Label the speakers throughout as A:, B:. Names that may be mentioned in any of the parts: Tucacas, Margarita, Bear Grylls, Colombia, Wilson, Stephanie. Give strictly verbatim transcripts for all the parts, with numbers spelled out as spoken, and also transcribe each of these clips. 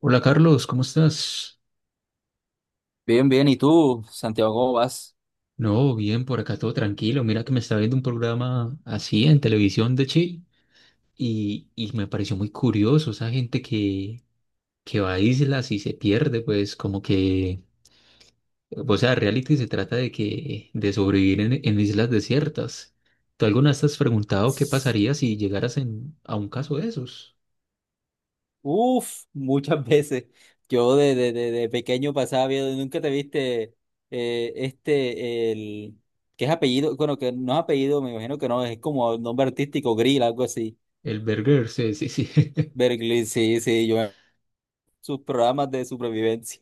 A: Hola Carlos, ¿cómo estás?
B: Bien, bien. ¿Y tú, Santiago, cómo vas?
A: No, bien, por acá todo tranquilo. Mira que me estaba viendo un programa así en televisión de Chile y, y me pareció muy curioso esa gente que, que va a islas y se pierde, pues como que, o sea, reality se trata de que de sobrevivir en, en islas desiertas. ¿Tú alguna vez te has preguntado qué pasaría si llegaras en, a un caso de esos?
B: Uf, muchas veces. Yo de, de, de, de pequeño pasaba viendo, nunca te viste eh, este, el, que es apellido, bueno, que no es apellido, me imagino que no, es como el nombre artístico, Grill, algo así.
A: El Berger, sí, sí, sí.
B: Berglin, sí, sí, yo sus programas de supervivencia.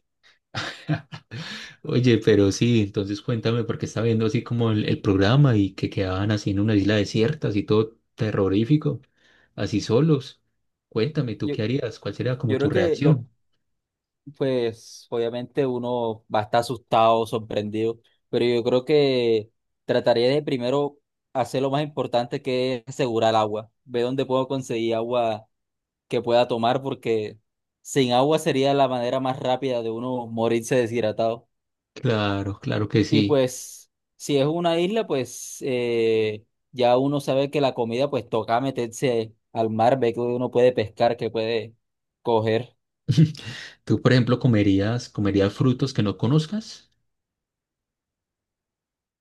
A: Oye, pero sí, entonces cuéntame, porque estaba viendo así como el, el programa y que quedaban así en una isla desierta, así todo terrorífico, así solos. Cuéntame, ¿tú
B: Yo,
A: qué harías? ¿Cuál sería como
B: yo
A: tu
B: creo que lo,
A: reacción?
B: Pues obviamente uno va a estar asustado, sorprendido, pero yo creo que trataría de primero hacer lo más importante, que es asegurar agua, ver dónde puedo conseguir agua que pueda tomar, porque sin agua sería la manera más rápida de uno morirse deshidratado.
A: Claro, claro que
B: Y
A: sí.
B: pues si es una isla, pues eh, ya uno sabe que la comida, pues toca meterse al mar, ver que uno puede pescar, que puede coger.
A: ¿Tú, por ejemplo, comerías, comerías frutos que no conozcas?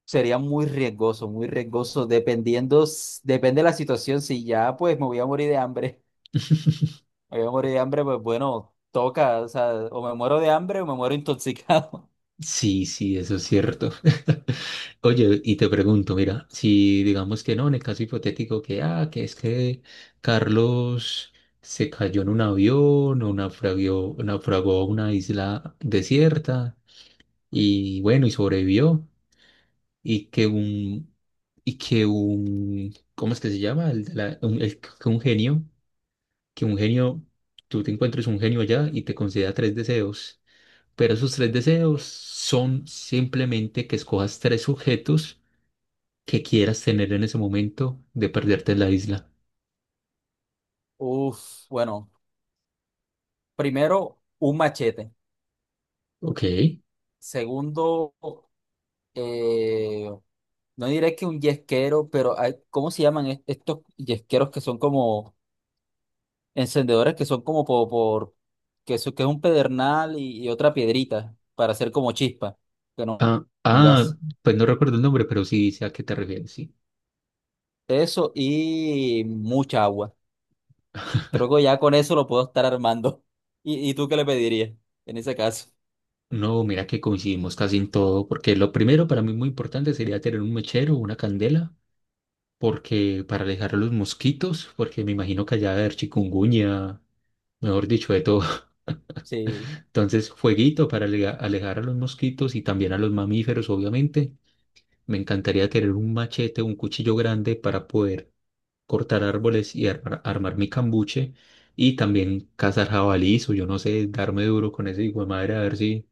B: Sería muy riesgoso, muy riesgoso, dependiendo, s- depende de la situación. Si ya pues me voy a morir de hambre, me voy a morir de hambre, pues bueno, toca, o sea, o me muero de hambre o me muero intoxicado.
A: Sí, sí, eso es cierto. Oye, y te pregunto, mira, si digamos que no, en el caso hipotético que, ah, que es que Carlos se cayó en un avión o naufragó, naufragó a una isla desierta y bueno, y sobrevivió y que un, y que un, ¿cómo es que se llama? El, de la- un, el- que un genio, que un genio, tú te encuentres un genio allá y te conceda tres deseos. Pero esos tres deseos son simplemente que escojas tres objetos que quieras tener en ese momento de perderte en la isla.
B: Uf, bueno, primero, un machete.
A: Ok.
B: Segundo, eh, no diré que un yesquero, pero hay- ¿cómo se llaman est- estos yesqueros que son como encendedores, que son como por, por- que, eso- que es un pedernal y, y otra piedrita para hacer como chispa, que no
A: Ah,
B: un
A: ah,
B: gas.
A: pues no recuerdo el nombre, pero sí sé a qué te refieres, sí.
B: Eso y mucha agua. Creo que ya con eso lo puedo estar armando. ¿Y, y tú qué le pedirías en ese caso?
A: No, mira que coincidimos casi en todo, porque lo primero para mí muy importante sería tener un mechero, una candela, porque para alejar a los mosquitos, porque me imagino que allá debe haber chikungunya, mejor dicho, de todo.
B: Sí,
A: Entonces, fueguito para alega- alejar a los mosquitos y también a los mamíferos, obviamente. Me encantaría tener un machete o un cuchillo grande para poder cortar árboles y armar, armar mi cambuche y también cazar jabalíes o yo no sé, darme duro con ese hijo de madre a ver si,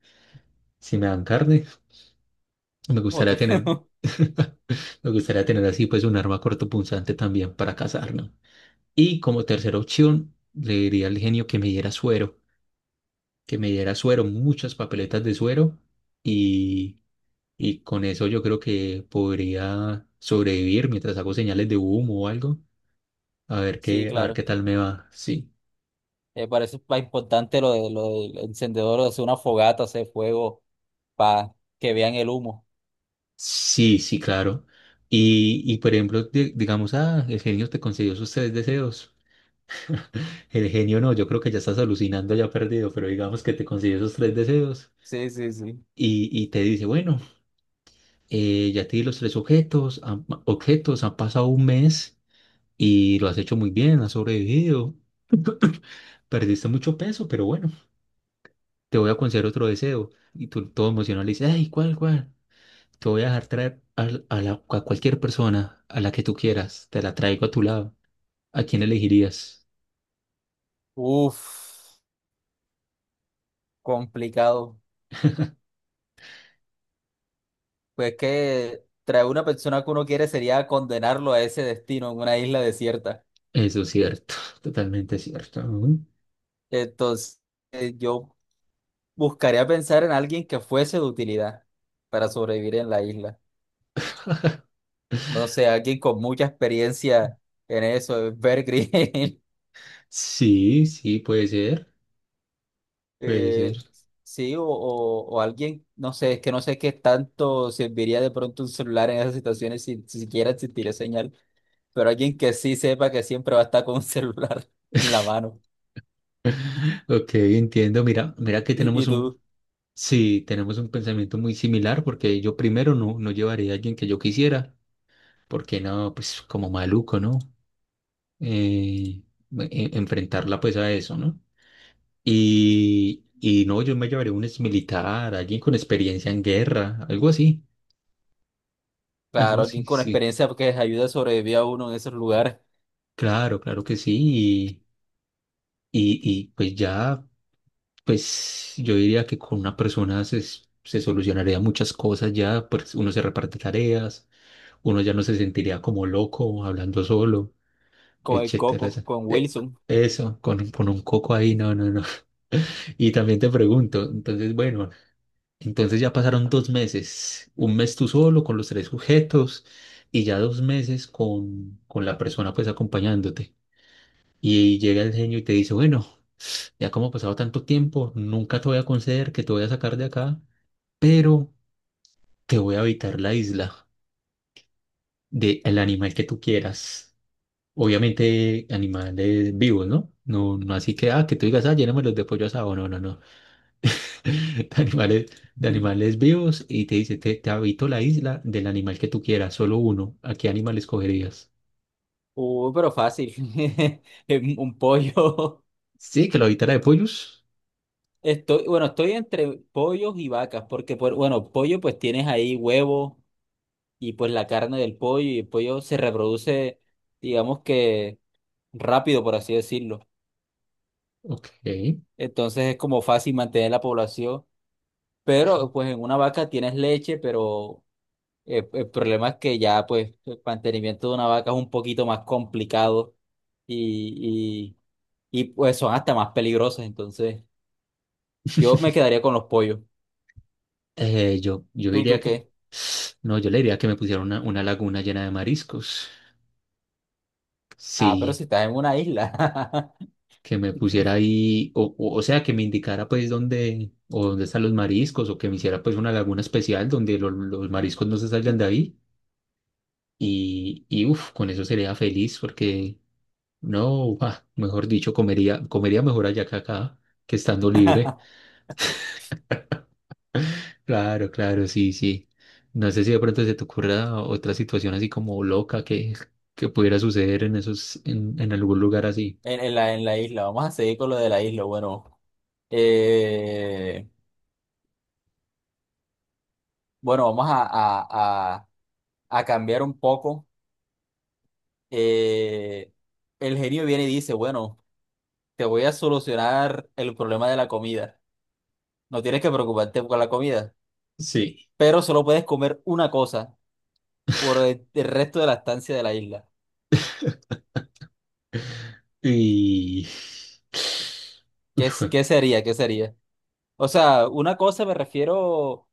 A: si me dan carne. Me
B: o
A: gustaría
B: tú.
A: tener, me gustaría tener así pues un arma cortopunzante también para cazar, ¿no? Y como tercera opción, le diría al genio que me diera suero, que me diera suero, muchas papeletas de suero y con eso yo creo que podría sobrevivir mientras hago señales de humo o algo. A ver
B: Sí,
A: qué, a ver
B: claro.
A: qué tal me va. Sí,
B: Eh, para eso es más importante lo, de, lo del encendedor, o hacer una fogata, hacer fuego, para que vean el humo.
A: sí, sí, claro. Y, y por ejemplo, di- digamos, ah, el genio te concedió sus tres deseos. El genio no, yo creo que ya estás alucinando, ya perdido, pero digamos que te concedió esos tres deseos
B: Sí, sí, sí.
A: y, y te dice, bueno, eh, ya te di los tres objetos, han, pa- objetos, han pasado un mes y lo has hecho muy bien, has sobrevivido, perdiste mucho peso, pero bueno. te voy a conceder otro deseo. Y tú todo emocionado le dices, ay, ¿cuál, cuál? Te voy a dejar traer al- a, la- a cualquier persona, a la que tú quieras, te la traigo a tu lado. ¿A quién elegirías?
B: Uf, complicado. Pues que traer una persona que uno quiere sería condenarlo a ese destino en una isla desierta.
A: Eso es cierto, totalmente cierto. Ujú.
B: Entonces, eh, yo buscaría pensar en alguien que fuese de utilidad para sobrevivir en la isla. No sé, alguien con mucha experiencia en eso, Bear Grylls,
A: Sí, sí, puede ser, puede ser.
B: eh, sí, o, o- o alguien, no sé, es que no sé qué tanto serviría de pronto un celular en esas situaciones, si si siquiera existiría señal, pero alguien que sí sepa, que siempre va a estar con un celular en la mano.
A: Ok, entiendo. Mira, mira que
B: Y,
A: tenemos
B: y
A: un,
B: tú,
A: sí, tenemos un pensamiento muy similar porque yo primero no, no llevaría a alguien que yo quisiera, porque no, pues como maluco, ¿no? Eh, e- enfrentarla pues a eso, ¿no? Y, y no, yo me llevaré un exmilitar, alguien con experiencia en guerra, algo así, algo
B: claro, alguien
A: así,
B: con
A: sí.
B: experiencia porque les ayude a sobrevivir a uno en esos lugares,
A: Claro, claro que sí. Y, y, y, pues ya, pues yo diría que con una persona se, s- se solucionaría muchas cosas ya, pues uno se reparte tareas, uno ya no se sentiría como loco hablando solo,
B: con el
A: etcétera.
B: Coco,
A: esa-
B: con
A: eh,
B: Wilson.
A: Eso, con, con un coco ahí, no, no, no. Y también te pregunto, entonces, bueno, Entonces ya pasaron dos meses, un mes tú solo con los tres sujetos y ya dos meses con, con la persona pues acompañándote. Y, llega el genio y te dice, bueno, ya como ha pasado tanto tiempo, nunca te voy a conceder que te voy a sacar de acá, pero te voy a habitar la isla del animal que tú quieras. Obviamente animales vivos, ¿no? No, no así que, ah, que tú digas, ah, lléname los de pollo asado. No, no, no. de animales, de animales vivos y te dice, te, te habito la isla del animal que tú quieras, solo uno. ¿A qué animal escogerías?
B: Uh, pero fácil. Es un pollo.
A: Sí, que lo habitara de pollos.
B: Estoy, bueno, estoy entre pollos y vacas, porque por, bueno, pollo pues tienes ahí huevo y pues la carne del pollo, y el pollo se reproduce, digamos que rápido, por así decirlo.
A: Ok. Eh,
B: Entonces es como fácil mantener la población, pero pues en una vaca tienes leche, pero eh, el problema es que ya pues el mantenimiento de una vaca es un poquito más complicado y, y, y pues son hasta más peligrosas, entonces. Yo me quedaría con los pollos.
A: yo, yo
B: ¿Tú,
A: diría
B: tú
A: que...
B: qué?
A: No, yo le diría que me pusiera una, una laguna llena de mariscos.
B: Ah, pero si
A: Sí,
B: estás en una isla.
A: que me pusiera ahí, o, o, o sea, que me indicara pues dónde, o dónde están los mariscos, o que me hiciera pues una laguna especial donde lo- los mariscos no se salgan de ahí. Y, y uff, con eso sería feliz porque No, ah, mejor dicho, comería, comería mejor allá que acá, que estando libre. Claro, claro, sí, sí. No sé si de pronto se te ocurra otra situación así como loca que, que pudiera suceder en esos, en, en algún lugar así.
B: En, en la, en la isla. Vamos a seguir con lo de la isla. Bueno, eh, bueno, vamos a, a, a, a cambiar un poco. Eh, el genio viene y dice, bueno, te voy a solucionar el problema de la comida. No tienes que preocuparte con la comida,
A: Sí.
B: pero solo puedes comer una cosa por el, el resto de la estancia de la isla.
A: Y
B: ¿Qué, es- qué sería? ¿Qué sería? O sea, una cosa, me refiero.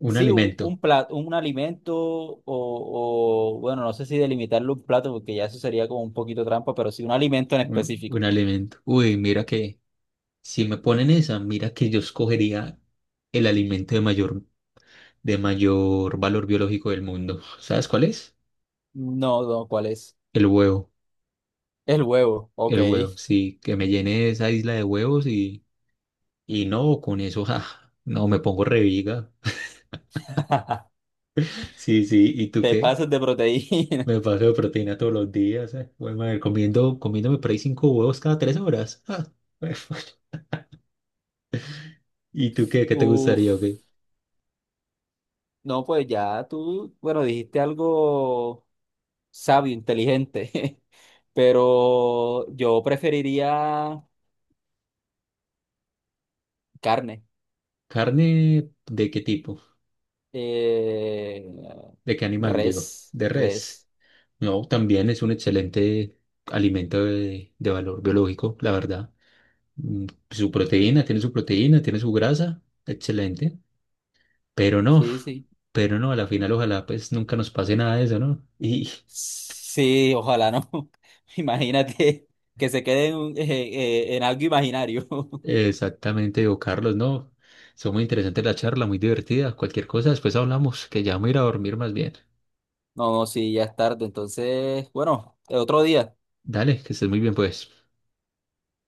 A: un
B: Sí, un, un
A: alimento,
B: plato, un alimento o, o, bueno, no sé si delimitarlo un plato, porque ya eso sería como un poquito trampa, pero sí un alimento en
A: un,
B: específico.
A: un alimento. Uy, mira que si me ponen esa, mira que yo escogería el alimento de mayor, de mayor valor biológico del mundo. ¿Sabes cuál es?
B: No, no, ¿cuál es?
A: El huevo.
B: El huevo, ok.
A: El huevo, sí, que me llene esa isla de huevos y, y no, con eso, ja, no, me pongo reviga. Sí, sí, ¿y tú
B: Te
A: qué?
B: pasas de proteína.
A: Me paso de proteína todos los días, eh. Bueno, madre, comiendo, comiéndome por ahí cinco huevos cada tres horas. ah, jue- ¿Y tú qué? ¿Qué te gustaría o
B: Uf,
A: qué?
B: no, pues ya tú, bueno, dijiste algo sabio, inteligente, pero yo preferiría carne,
A: ¿Carne de qué tipo?
B: eh,
A: ¿De qué animal, digo?
B: res,
A: ¿De res?
B: res,
A: No, también es un excelente alimento de, de valor biológico, la verdad. Mm, Su proteína, tiene su proteína, tiene su grasa, excelente. Pero no,
B: sí, sí.
A: pero no, a la final ojalá pues nunca nos pase nada de eso, ¿no? Y
B: Sí, ojalá no. Imagínate que se quede en, un- eh, eh, en algo imaginario.
A: exactamente, digo, Carlos, no, son muy interesantes la charla, muy divertida, cualquier cosa, después hablamos, que ya me voy a ir a dormir más bien.
B: No, no, sí, ya es tarde. Entonces, bueno, otro día.
A: Dale, que estés muy bien pues.